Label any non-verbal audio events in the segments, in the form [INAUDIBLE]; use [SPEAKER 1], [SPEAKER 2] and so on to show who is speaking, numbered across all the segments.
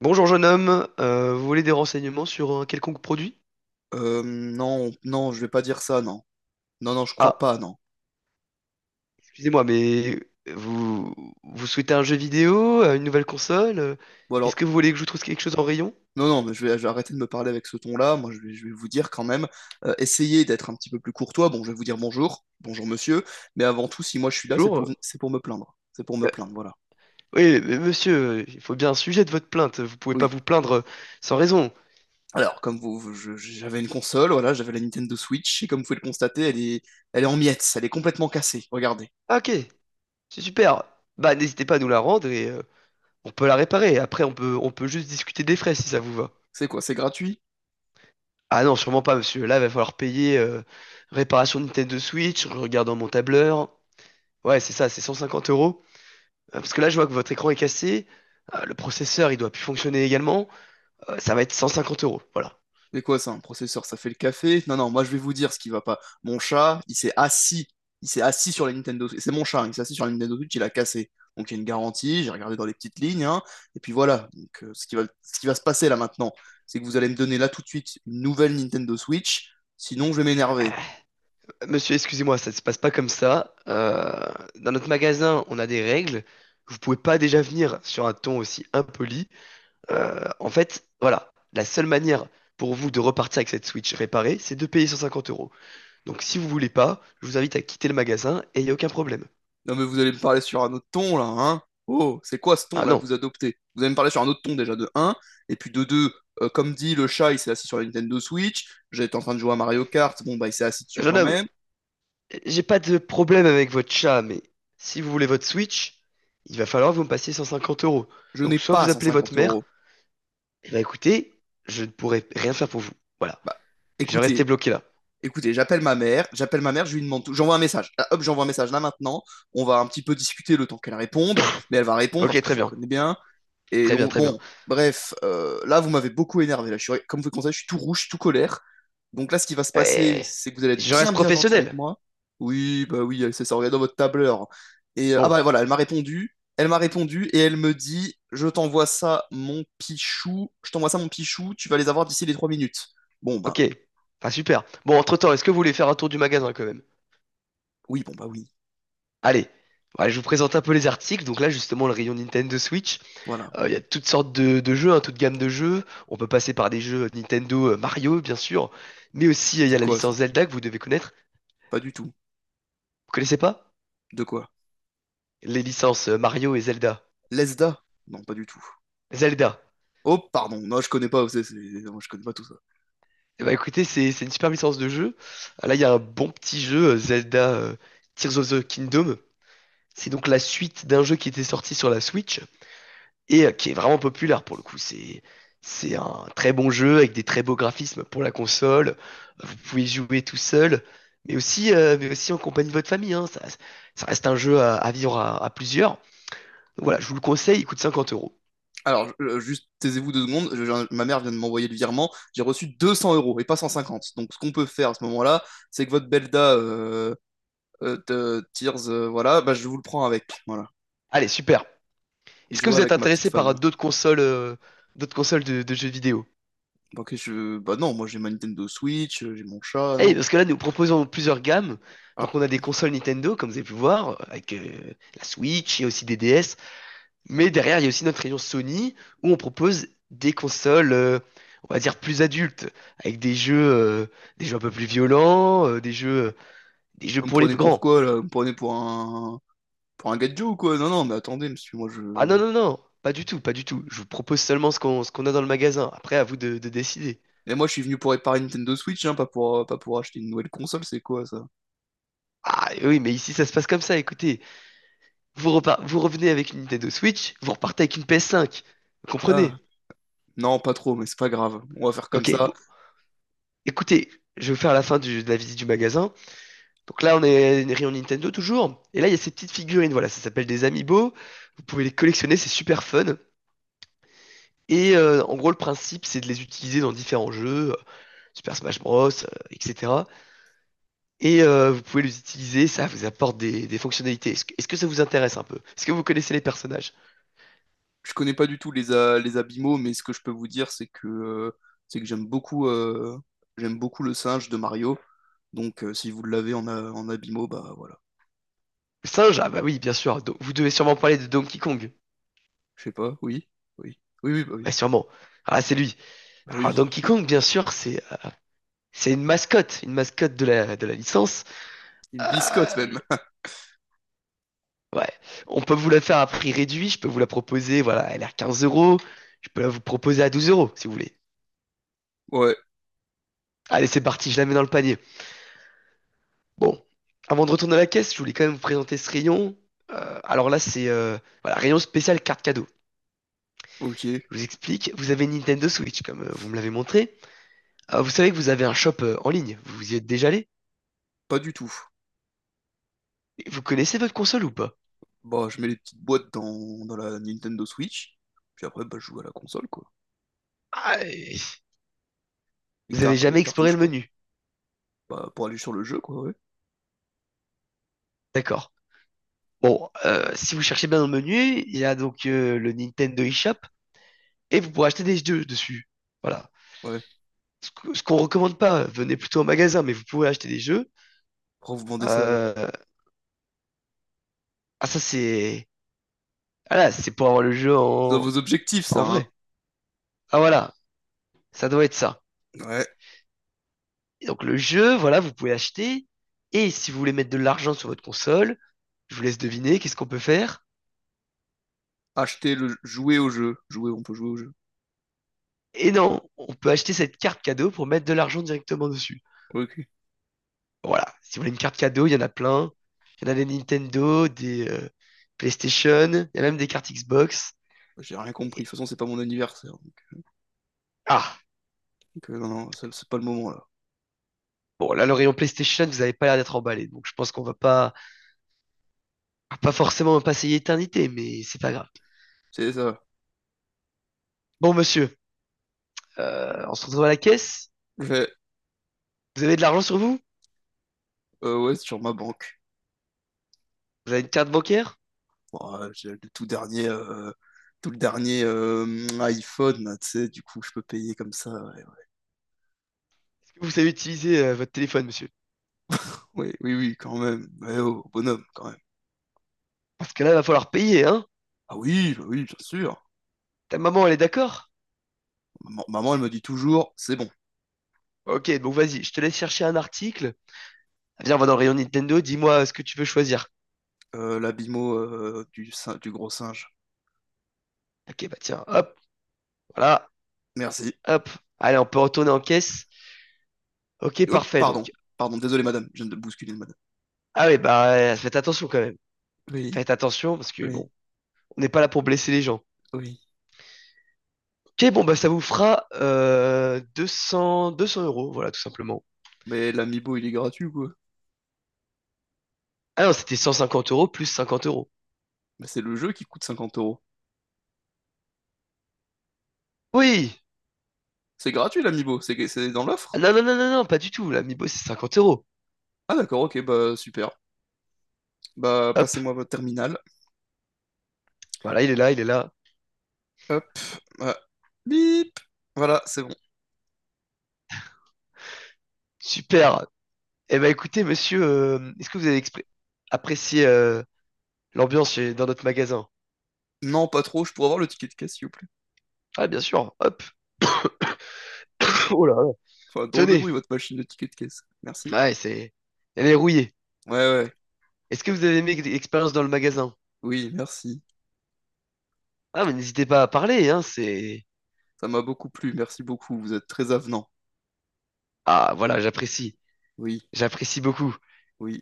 [SPEAKER 1] Bonjour jeune homme. Vous voulez des renseignements sur un quelconque produit?
[SPEAKER 2] Non, non, je vais pas dire ça, non. Non, non, je crois
[SPEAKER 1] Ah,
[SPEAKER 2] pas, non.
[SPEAKER 1] excusez-moi, mais vous vous souhaitez un jeu vidéo, une nouvelle console?
[SPEAKER 2] Ou
[SPEAKER 1] Est-ce
[SPEAKER 2] alors,
[SPEAKER 1] que vous voulez que je vous trouve quelque chose en rayon?
[SPEAKER 2] non, non, mais je vais arrêter de me parler avec ce ton-là. Moi, je vais vous dire quand même, essayez d'être un petit peu plus courtois. Bon, je vais vous dire bonjour, bonjour monsieur, mais avant tout, si moi je suis là, c'est pour,
[SPEAKER 1] Bonjour.
[SPEAKER 2] c'est pour me plaindre. C'est pour me
[SPEAKER 1] Euh,
[SPEAKER 2] plaindre, voilà.
[SPEAKER 1] oui, mais monsieur, il faut bien un sujet de votre plainte. Vous pouvez pas
[SPEAKER 2] Oui.
[SPEAKER 1] vous plaindre sans raison.
[SPEAKER 2] Alors, comme j'avais une console, voilà, j'avais la Nintendo Switch, et comme vous pouvez le constater, elle est en miettes, elle est complètement cassée. Regardez.
[SPEAKER 1] Ah, ok, c'est super. Bah n'hésitez pas à nous la rendre et on peut la réparer. Après, on peut juste discuter des frais si ça vous va.
[SPEAKER 2] C'est quoi, c'est gratuit?
[SPEAKER 1] Ah non, sûrement pas, monsieur. Là, il va falloir payer réparation de Nintendo Switch. Je regarde dans mon tableur. Ouais, c'est ça, c'est 150 euros. Parce que là, je vois que votre écran est cassé, le processeur, il doit plus fonctionner également. Ça va être 150 euros, voilà.
[SPEAKER 2] C'est quoi ça, un processeur? Ça fait le café? Non, non, moi je vais vous dire ce qui va pas. Mon chat, il s'est assis. Il s'est assis sur la Nintendo Switch. C'est mon chat, hein, il s'est assis sur la Nintendo Switch, il a cassé. Donc il y a une garantie, j'ai regardé dans les petites lignes, hein, et puis voilà. Donc ce qui va se passer là maintenant, c'est que vous allez me donner là tout de suite une nouvelle Nintendo Switch, sinon je vais m'énerver.
[SPEAKER 1] Euh, Monsieur, excusez-moi, ça ne se passe pas comme ça. Dans notre magasin, on a des règles. Vous pouvez pas déjà venir sur un ton aussi impoli. En fait, voilà, la seule manière pour vous de repartir avec cette Switch réparée, c'est de payer 150 euros. Donc si vous voulez pas, je vous invite à quitter le magasin et il n'y a aucun problème.
[SPEAKER 2] Non mais vous allez me parler sur un autre ton là, hein? Oh, c'est quoi ce ton
[SPEAKER 1] Ah
[SPEAKER 2] là
[SPEAKER 1] non,
[SPEAKER 2] que vous adoptez? Vous allez me parler sur un autre ton déjà de un. Et puis de 2. Comme dit le chat, il s'est assis sur la Nintendo Switch, j'étais en train de jouer à Mario Kart, bon bah il s'est assis dessus
[SPEAKER 1] jeune
[SPEAKER 2] quand
[SPEAKER 1] homme,
[SPEAKER 2] même.
[SPEAKER 1] j'ai pas de problème avec votre chat, mais si vous voulez votre Switch, il va falloir que vous me passiez 150 euros.
[SPEAKER 2] Je
[SPEAKER 1] Donc
[SPEAKER 2] n'ai
[SPEAKER 1] soit
[SPEAKER 2] pas
[SPEAKER 1] vous appelez votre
[SPEAKER 2] 150
[SPEAKER 1] mère,
[SPEAKER 2] euros.
[SPEAKER 1] et bah écoutez, je ne pourrai rien faire pour vous. Voilà.
[SPEAKER 2] Bah,
[SPEAKER 1] Je restais
[SPEAKER 2] écoutez,
[SPEAKER 1] bloqué là.
[SPEAKER 2] écoutez, j'appelle ma mère, je lui demande tout, j'envoie un message. Là, hop, j'envoie un message là maintenant. On va un petit peu discuter le temps qu'elle réponde, mais elle va répondre
[SPEAKER 1] Ok,
[SPEAKER 2] parce que
[SPEAKER 1] très
[SPEAKER 2] je la
[SPEAKER 1] bien.
[SPEAKER 2] connais bien. Et
[SPEAKER 1] Très bien,
[SPEAKER 2] donc,
[SPEAKER 1] très bien.
[SPEAKER 2] bon, bref, là, vous m'avez beaucoup énervé. Là, je suis, comme vous le constatez, je suis tout rouge, tout colère. Donc là, ce qui va se passer,
[SPEAKER 1] Euh,
[SPEAKER 2] c'est que vous allez être
[SPEAKER 1] je
[SPEAKER 2] bien,
[SPEAKER 1] reste
[SPEAKER 2] bien gentil avec
[SPEAKER 1] professionnel.
[SPEAKER 2] moi. Oui, bah oui, elle sait ça, regardez dans votre tableur. Et ah
[SPEAKER 1] Bon,
[SPEAKER 2] bah voilà, elle m'a répondu. Elle m'a répondu et elle me dit, je t'envoie ça, mon pichou. Je t'envoie ça, mon pichou. Tu vas les avoir d'ici les 3 minutes. Bon
[SPEAKER 1] ok.
[SPEAKER 2] bah
[SPEAKER 1] Enfin, super. Bon, entre-temps, est-ce que vous voulez faire un tour du magasin quand même?
[SPEAKER 2] oui, bon bah oui.
[SPEAKER 1] Allez. Voilà, je vous présente un peu les articles. Donc là, justement, le rayon Nintendo Switch.
[SPEAKER 2] Voilà.
[SPEAKER 1] Il y a toutes sortes de, jeux, hein, toute gamme de jeux. On peut passer par des jeux Nintendo, Mario, bien sûr, mais aussi il y
[SPEAKER 2] C'est
[SPEAKER 1] a la
[SPEAKER 2] quoi ça?
[SPEAKER 1] licence Zelda que vous devez connaître.
[SPEAKER 2] Pas du tout.
[SPEAKER 1] Vous connaissez pas?
[SPEAKER 2] De quoi?
[SPEAKER 1] Les licences Mario et Zelda.
[SPEAKER 2] Lesda? Non, pas du tout.
[SPEAKER 1] Zelda.
[SPEAKER 2] Oh, pardon. Non, je connais pas. Non, je connais pas tout ça.
[SPEAKER 1] Eh ben, écoutez, c'est une super licence de jeu. Ah, là, il y a un bon petit jeu, Zelda Tears of the Kingdom. C'est donc la suite d'un jeu qui était sorti sur la Switch, et qui est vraiment populaire pour le coup. C'est un très bon jeu avec des très beaux graphismes pour la console. Vous pouvez y jouer tout seul, mais aussi, en compagnie de votre famille, hein. Ça, reste un jeu à, vivre à, plusieurs. Donc voilà, je vous le conseille, il coûte 50 euros.
[SPEAKER 2] Alors, juste taisez-vous deux secondes. Ma mère vient de m'envoyer le virement. J'ai reçu 200 euros et pas 150. Donc, ce qu'on peut faire à ce moment-là, c'est que votre Belda de Tears, voilà, bah, je vous le prends avec. Voilà.
[SPEAKER 1] Allez, super.
[SPEAKER 2] Et
[SPEAKER 1] Est-ce
[SPEAKER 2] je
[SPEAKER 1] que
[SPEAKER 2] vois
[SPEAKER 1] vous êtes
[SPEAKER 2] avec ma petite
[SPEAKER 1] intéressé par
[SPEAKER 2] femme.
[SPEAKER 1] d'autres consoles, de, jeux vidéo?
[SPEAKER 2] Ok, je... Bah non, moi j'ai ma Nintendo Switch, j'ai mon chat,
[SPEAKER 1] Eh,
[SPEAKER 2] non.
[SPEAKER 1] parce que là, nous proposons plusieurs gammes.
[SPEAKER 2] Ah,
[SPEAKER 1] Donc on a des consoles Nintendo, comme vous avez pu voir, avec la Switch et aussi des DS. Mais derrière, il y a aussi notre rayon Sony où on propose des consoles, on va dire plus adultes, avec des jeux un peu plus violents, des jeux
[SPEAKER 2] vous me
[SPEAKER 1] pour les
[SPEAKER 2] prenez
[SPEAKER 1] plus
[SPEAKER 2] pour
[SPEAKER 1] grands.
[SPEAKER 2] quoi, là? Vous me prenez pour un... Pour un gadget ou quoi? Non, non, mais attendez, monsieur, moi je...
[SPEAKER 1] Ah non, non, non, pas du tout, pas du tout. Je vous propose seulement ce qu'on a dans le magasin. Après, à vous de, décider.
[SPEAKER 2] Et moi, je suis venu pour réparer une Nintendo Switch, hein, pas pour acheter une nouvelle console, c'est quoi, ça?
[SPEAKER 1] Ah oui, mais ici, ça se passe comme ça. Écoutez, vous revenez avec une Nintendo Switch, vous repartez avec une PS5. Vous comprenez?
[SPEAKER 2] Ah, non, pas trop, mais c'est pas grave. On va faire comme
[SPEAKER 1] Ok,
[SPEAKER 2] ça.
[SPEAKER 1] bon, écoutez, je vais vous faire la fin de la visite du magasin. Donc là, on est une rayon Nintendo toujours. Et là, il y a ces petites figurines. Voilà, ça s'appelle des amiibo. Vous pouvez les collectionner, c'est super fun. Et en gros, le principe, c'est de les utiliser dans différents jeux, Super Smash Bros, etc. Et vous pouvez les utiliser, ça vous apporte des, fonctionnalités. Est-ce que ça vous intéresse un peu? Est-ce que vous connaissez les personnages?
[SPEAKER 2] Je connais pas du tout les, les abîmaux, mais ce que je peux vous dire, c'est que j'aime beaucoup le singe de Mario. Donc, si vous l'avez en, en abîmaux, bah voilà.
[SPEAKER 1] Le singe, ah bah oui, bien sûr. Vous devez sûrement parler de Donkey Kong.
[SPEAKER 2] Je sais pas, oui, oui, oui, oui, bah oui,
[SPEAKER 1] Ouais, sûrement. Ah, là, c'est lui.
[SPEAKER 2] bah
[SPEAKER 1] Alors,
[SPEAKER 2] oui.
[SPEAKER 1] Donkey Kong, bien sûr, c'est une mascotte de la licence.
[SPEAKER 2] Une biscotte
[SPEAKER 1] Euh,
[SPEAKER 2] même. [LAUGHS]
[SPEAKER 1] Ouais. On peut vous la faire à prix réduit. Je peux vous la proposer. Voilà, elle est à 15 euros. Je peux la vous proposer à 12 € si vous voulez.
[SPEAKER 2] Ouais,
[SPEAKER 1] Allez, c'est parti. Je la mets dans le panier. Bon. Avant de retourner à la caisse, je voulais quand même vous présenter ce rayon. Alors là, c'est voilà, rayon spécial carte cadeau.
[SPEAKER 2] ok,
[SPEAKER 1] Je vous explique. Vous avez une Nintendo Switch, comme vous me l'avez montré. Vous savez que vous avez un shop en ligne. Vous y êtes déjà allé?
[SPEAKER 2] pas du tout.
[SPEAKER 1] Et vous connaissez votre console ou pas?
[SPEAKER 2] Bah, je mets les petites boîtes dans la Nintendo Switch, puis après, bah, je joue à la console, quoi.
[SPEAKER 1] Ah, et- Vous avez jamais
[SPEAKER 2] Les
[SPEAKER 1] exploré
[SPEAKER 2] cartouches,
[SPEAKER 1] le
[SPEAKER 2] quoi.
[SPEAKER 1] menu.
[SPEAKER 2] Bah, pour aller sur le jeu, quoi, ouais.
[SPEAKER 1] D'accord. Bon, si vous cherchez bien dans le menu, il y a donc le Nintendo eShop et vous pourrez acheter des jeux dessus. Voilà.
[SPEAKER 2] Ouais.
[SPEAKER 1] Ce qu'on recommande pas, venez plutôt au magasin, mais vous pouvez acheter des jeux.
[SPEAKER 2] Pourquoi vous vendez ça alors?
[SPEAKER 1] Euh, Ah, ça, c'est. Ah là, c'est pour avoir le jeu
[SPEAKER 2] C'est dans
[SPEAKER 1] en...
[SPEAKER 2] vos objectifs, ça,
[SPEAKER 1] en
[SPEAKER 2] hein?
[SPEAKER 1] vrai. Ah, voilà, ça doit être ça.
[SPEAKER 2] Ouais.
[SPEAKER 1] Et donc, le jeu, voilà, vous pouvez acheter. Et si vous voulez mettre de l'argent sur votre console, je vous laisse deviner qu'est-ce qu'on peut faire.
[SPEAKER 2] Acheter le jouer au jeu. Jouer, on peut jouer au jeu.
[SPEAKER 1] Et non, on peut acheter cette carte cadeau pour mettre de l'argent directement dessus.
[SPEAKER 2] Ok.
[SPEAKER 1] Voilà, si vous voulez une carte cadeau, il y en a plein. Il y en a des Nintendo, des PlayStation, il y a même des cartes Xbox.
[SPEAKER 2] J'ai rien compris.
[SPEAKER 1] Et-
[SPEAKER 2] De toute façon, c'est pas mon anniversaire.
[SPEAKER 1] Ah,
[SPEAKER 2] Donc, non, non, c'est pas le moment là.
[SPEAKER 1] bon, là, le rayon PlayStation, vous n'avez pas l'air d'être emballé, donc je pense qu'on va pas forcément passer l'éternité, mais c'est pas grave.
[SPEAKER 2] C'est ça.
[SPEAKER 1] Bon, monsieur, on se retrouve à la caisse.
[SPEAKER 2] Je fais,
[SPEAKER 1] Vous avez de l'argent sur vous?
[SPEAKER 2] ouais, c'est sur ma banque.
[SPEAKER 1] Vous avez une carte bancaire?
[SPEAKER 2] Ouais, j'ai le tout dernier, tout le dernier iPhone, là, tu sais, du coup, je peux payer comme ça. Ouais, ouais.
[SPEAKER 1] Est-ce que vous savez utiliser votre téléphone, monsieur?
[SPEAKER 2] Oui, oui, oui, quand même. Ouais, oh, bonhomme, quand même.
[SPEAKER 1] Parce que là, il va falloir payer, hein?
[SPEAKER 2] Ah oui, bah oui, bien sûr.
[SPEAKER 1] Ta maman, elle est d'accord?
[SPEAKER 2] Maman, maman, elle me dit toujours, c'est bon.
[SPEAKER 1] Ok, donc vas-y, je te laisse chercher un article. Viens, on va dans le rayon Nintendo, dis-moi ce que tu veux choisir.
[SPEAKER 2] La bimo du, du gros singe.
[SPEAKER 1] Ok, bah tiens, hop, voilà,
[SPEAKER 2] Merci.
[SPEAKER 1] hop. Allez, on peut retourner en caisse. Ok,
[SPEAKER 2] Hop,
[SPEAKER 1] parfait,
[SPEAKER 2] pardon.
[SPEAKER 1] donc.
[SPEAKER 2] Pardon, désolé, madame. Je viens de bousculer, madame.
[SPEAKER 1] Ah oui, bah, faites attention quand même.
[SPEAKER 2] Oui,
[SPEAKER 1] Faites attention, parce que
[SPEAKER 2] oui,
[SPEAKER 1] bon, on n'est pas là pour blesser les gens.
[SPEAKER 2] oui.
[SPEAKER 1] Ok, bon, bah, ça vous fera deux cents euros, voilà, tout simplement.
[SPEAKER 2] Mais l'amiibo, il est gratuit, ou quoi.
[SPEAKER 1] Ah non, c'était 150 € plus 50 euros.
[SPEAKER 2] Bah, c'est le jeu qui coûte 50 euros.
[SPEAKER 1] Oui!
[SPEAKER 2] C'est gratuit l'Amiibo, c'est dans
[SPEAKER 1] Ah
[SPEAKER 2] l'offre.
[SPEAKER 1] non, non, non, non, non, pas du tout. L'amiibo, c'est 50 euros.
[SPEAKER 2] Ah d'accord, ok, bah super. Bah
[SPEAKER 1] Hop,
[SPEAKER 2] passez-moi votre terminal.
[SPEAKER 1] voilà, il est là.
[SPEAKER 2] Hop, voilà. Bip. Voilà, c'est bon.
[SPEAKER 1] Super! Eh ben, écoutez, monsieur, est-ce que vous avez expré- apprécié l'ambiance dans notre magasin?
[SPEAKER 2] Non, pas trop, je pourrais avoir le ticket de caisse, s'il vous plaît.
[SPEAKER 1] Ah, bien sûr, hop! [LAUGHS] Oh là là!
[SPEAKER 2] Enfin, drôle de
[SPEAKER 1] Tenez!
[SPEAKER 2] bruit, votre machine de ticket de caisse. Merci.
[SPEAKER 1] Ouais, c'est. Elle est rouillée.
[SPEAKER 2] Ouais, ouais,
[SPEAKER 1] Est-ce que vous avez aimé l'expérience dans le magasin?
[SPEAKER 2] oui, merci.
[SPEAKER 1] Ah, mais n'hésitez pas à parler, hein, c'est.
[SPEAKER 2] Ça m'a beaucoup plu, merci beaucoup, vous êtes très avenant.
[SPEAKER 1] Ah, voilà, j'apprécie.
[SPEAKER 2] Oui,
[SPEAKER 1] J'apprécie beaucoup.
[SPEAKER 2] oui,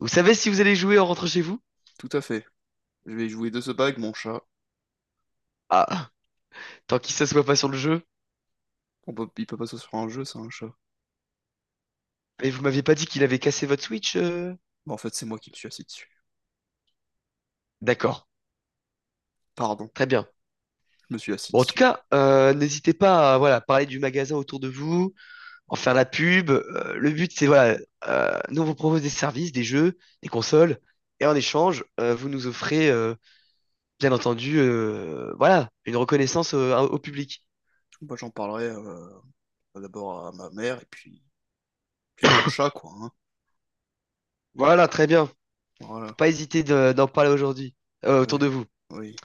[SPEAKER 1] Vous savez si vous allez jouer en rentrant chez vous?
[SPEAKER 2] tout à fait. Je vais jouer de ce bague, mon chat.
[SPEAKER 1] Ah, tant qu'il s'assoit pas sur le jeu.
[SPEAKER 2] On peut, il peut pas sur un jeu, c'est un chat.
[SPEAKER 1] Et vous m'aviez pas dit qu'il avait cassé votre Switch,
[SPEAKER 2] Bah, en fait, c'est moi qui me suis assis dessus.
[SPEAKER 1] D'accord,
[SPEAKER 2] Pardon,
[SPEAKER 1] très bien.
[SPEAKER 2] je me suis assis
[SPEAKER 1] Bon, en tout
[SPEAKER 2] dessus.
[SPEAKER 1] cas, n'hésitez pas à voilà, parler du magasin autour de vous, en faire la pub. Le but, c'est voilà, nous on vous propose des services, des jeux, des consoles, et en échange, vous nous offrez, bien entendu, voilà, une reconnaissance au public.
[SPEAKER 2] Bah, j'en parlerai d'abord à ma mère, et puis puis à mon chat, quoi, hein.
[SPEAKER 1] Voilà, très bien. Faut
[SPEAKER 2] Voilà.
[SPEAKER 1] pas hésiter d'en parler aujourd'hui autour
[SPEAKER 2] Ouais.
[SPEAKER 1] de vous.
[SPEAKER 2] Oui.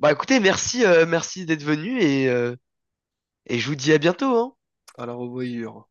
[SPEAKER 1] Bah écoutez, merci, merci d'être venu et je vous dis à bientôt, hein.
[SPEAKER 2] À la revoyure.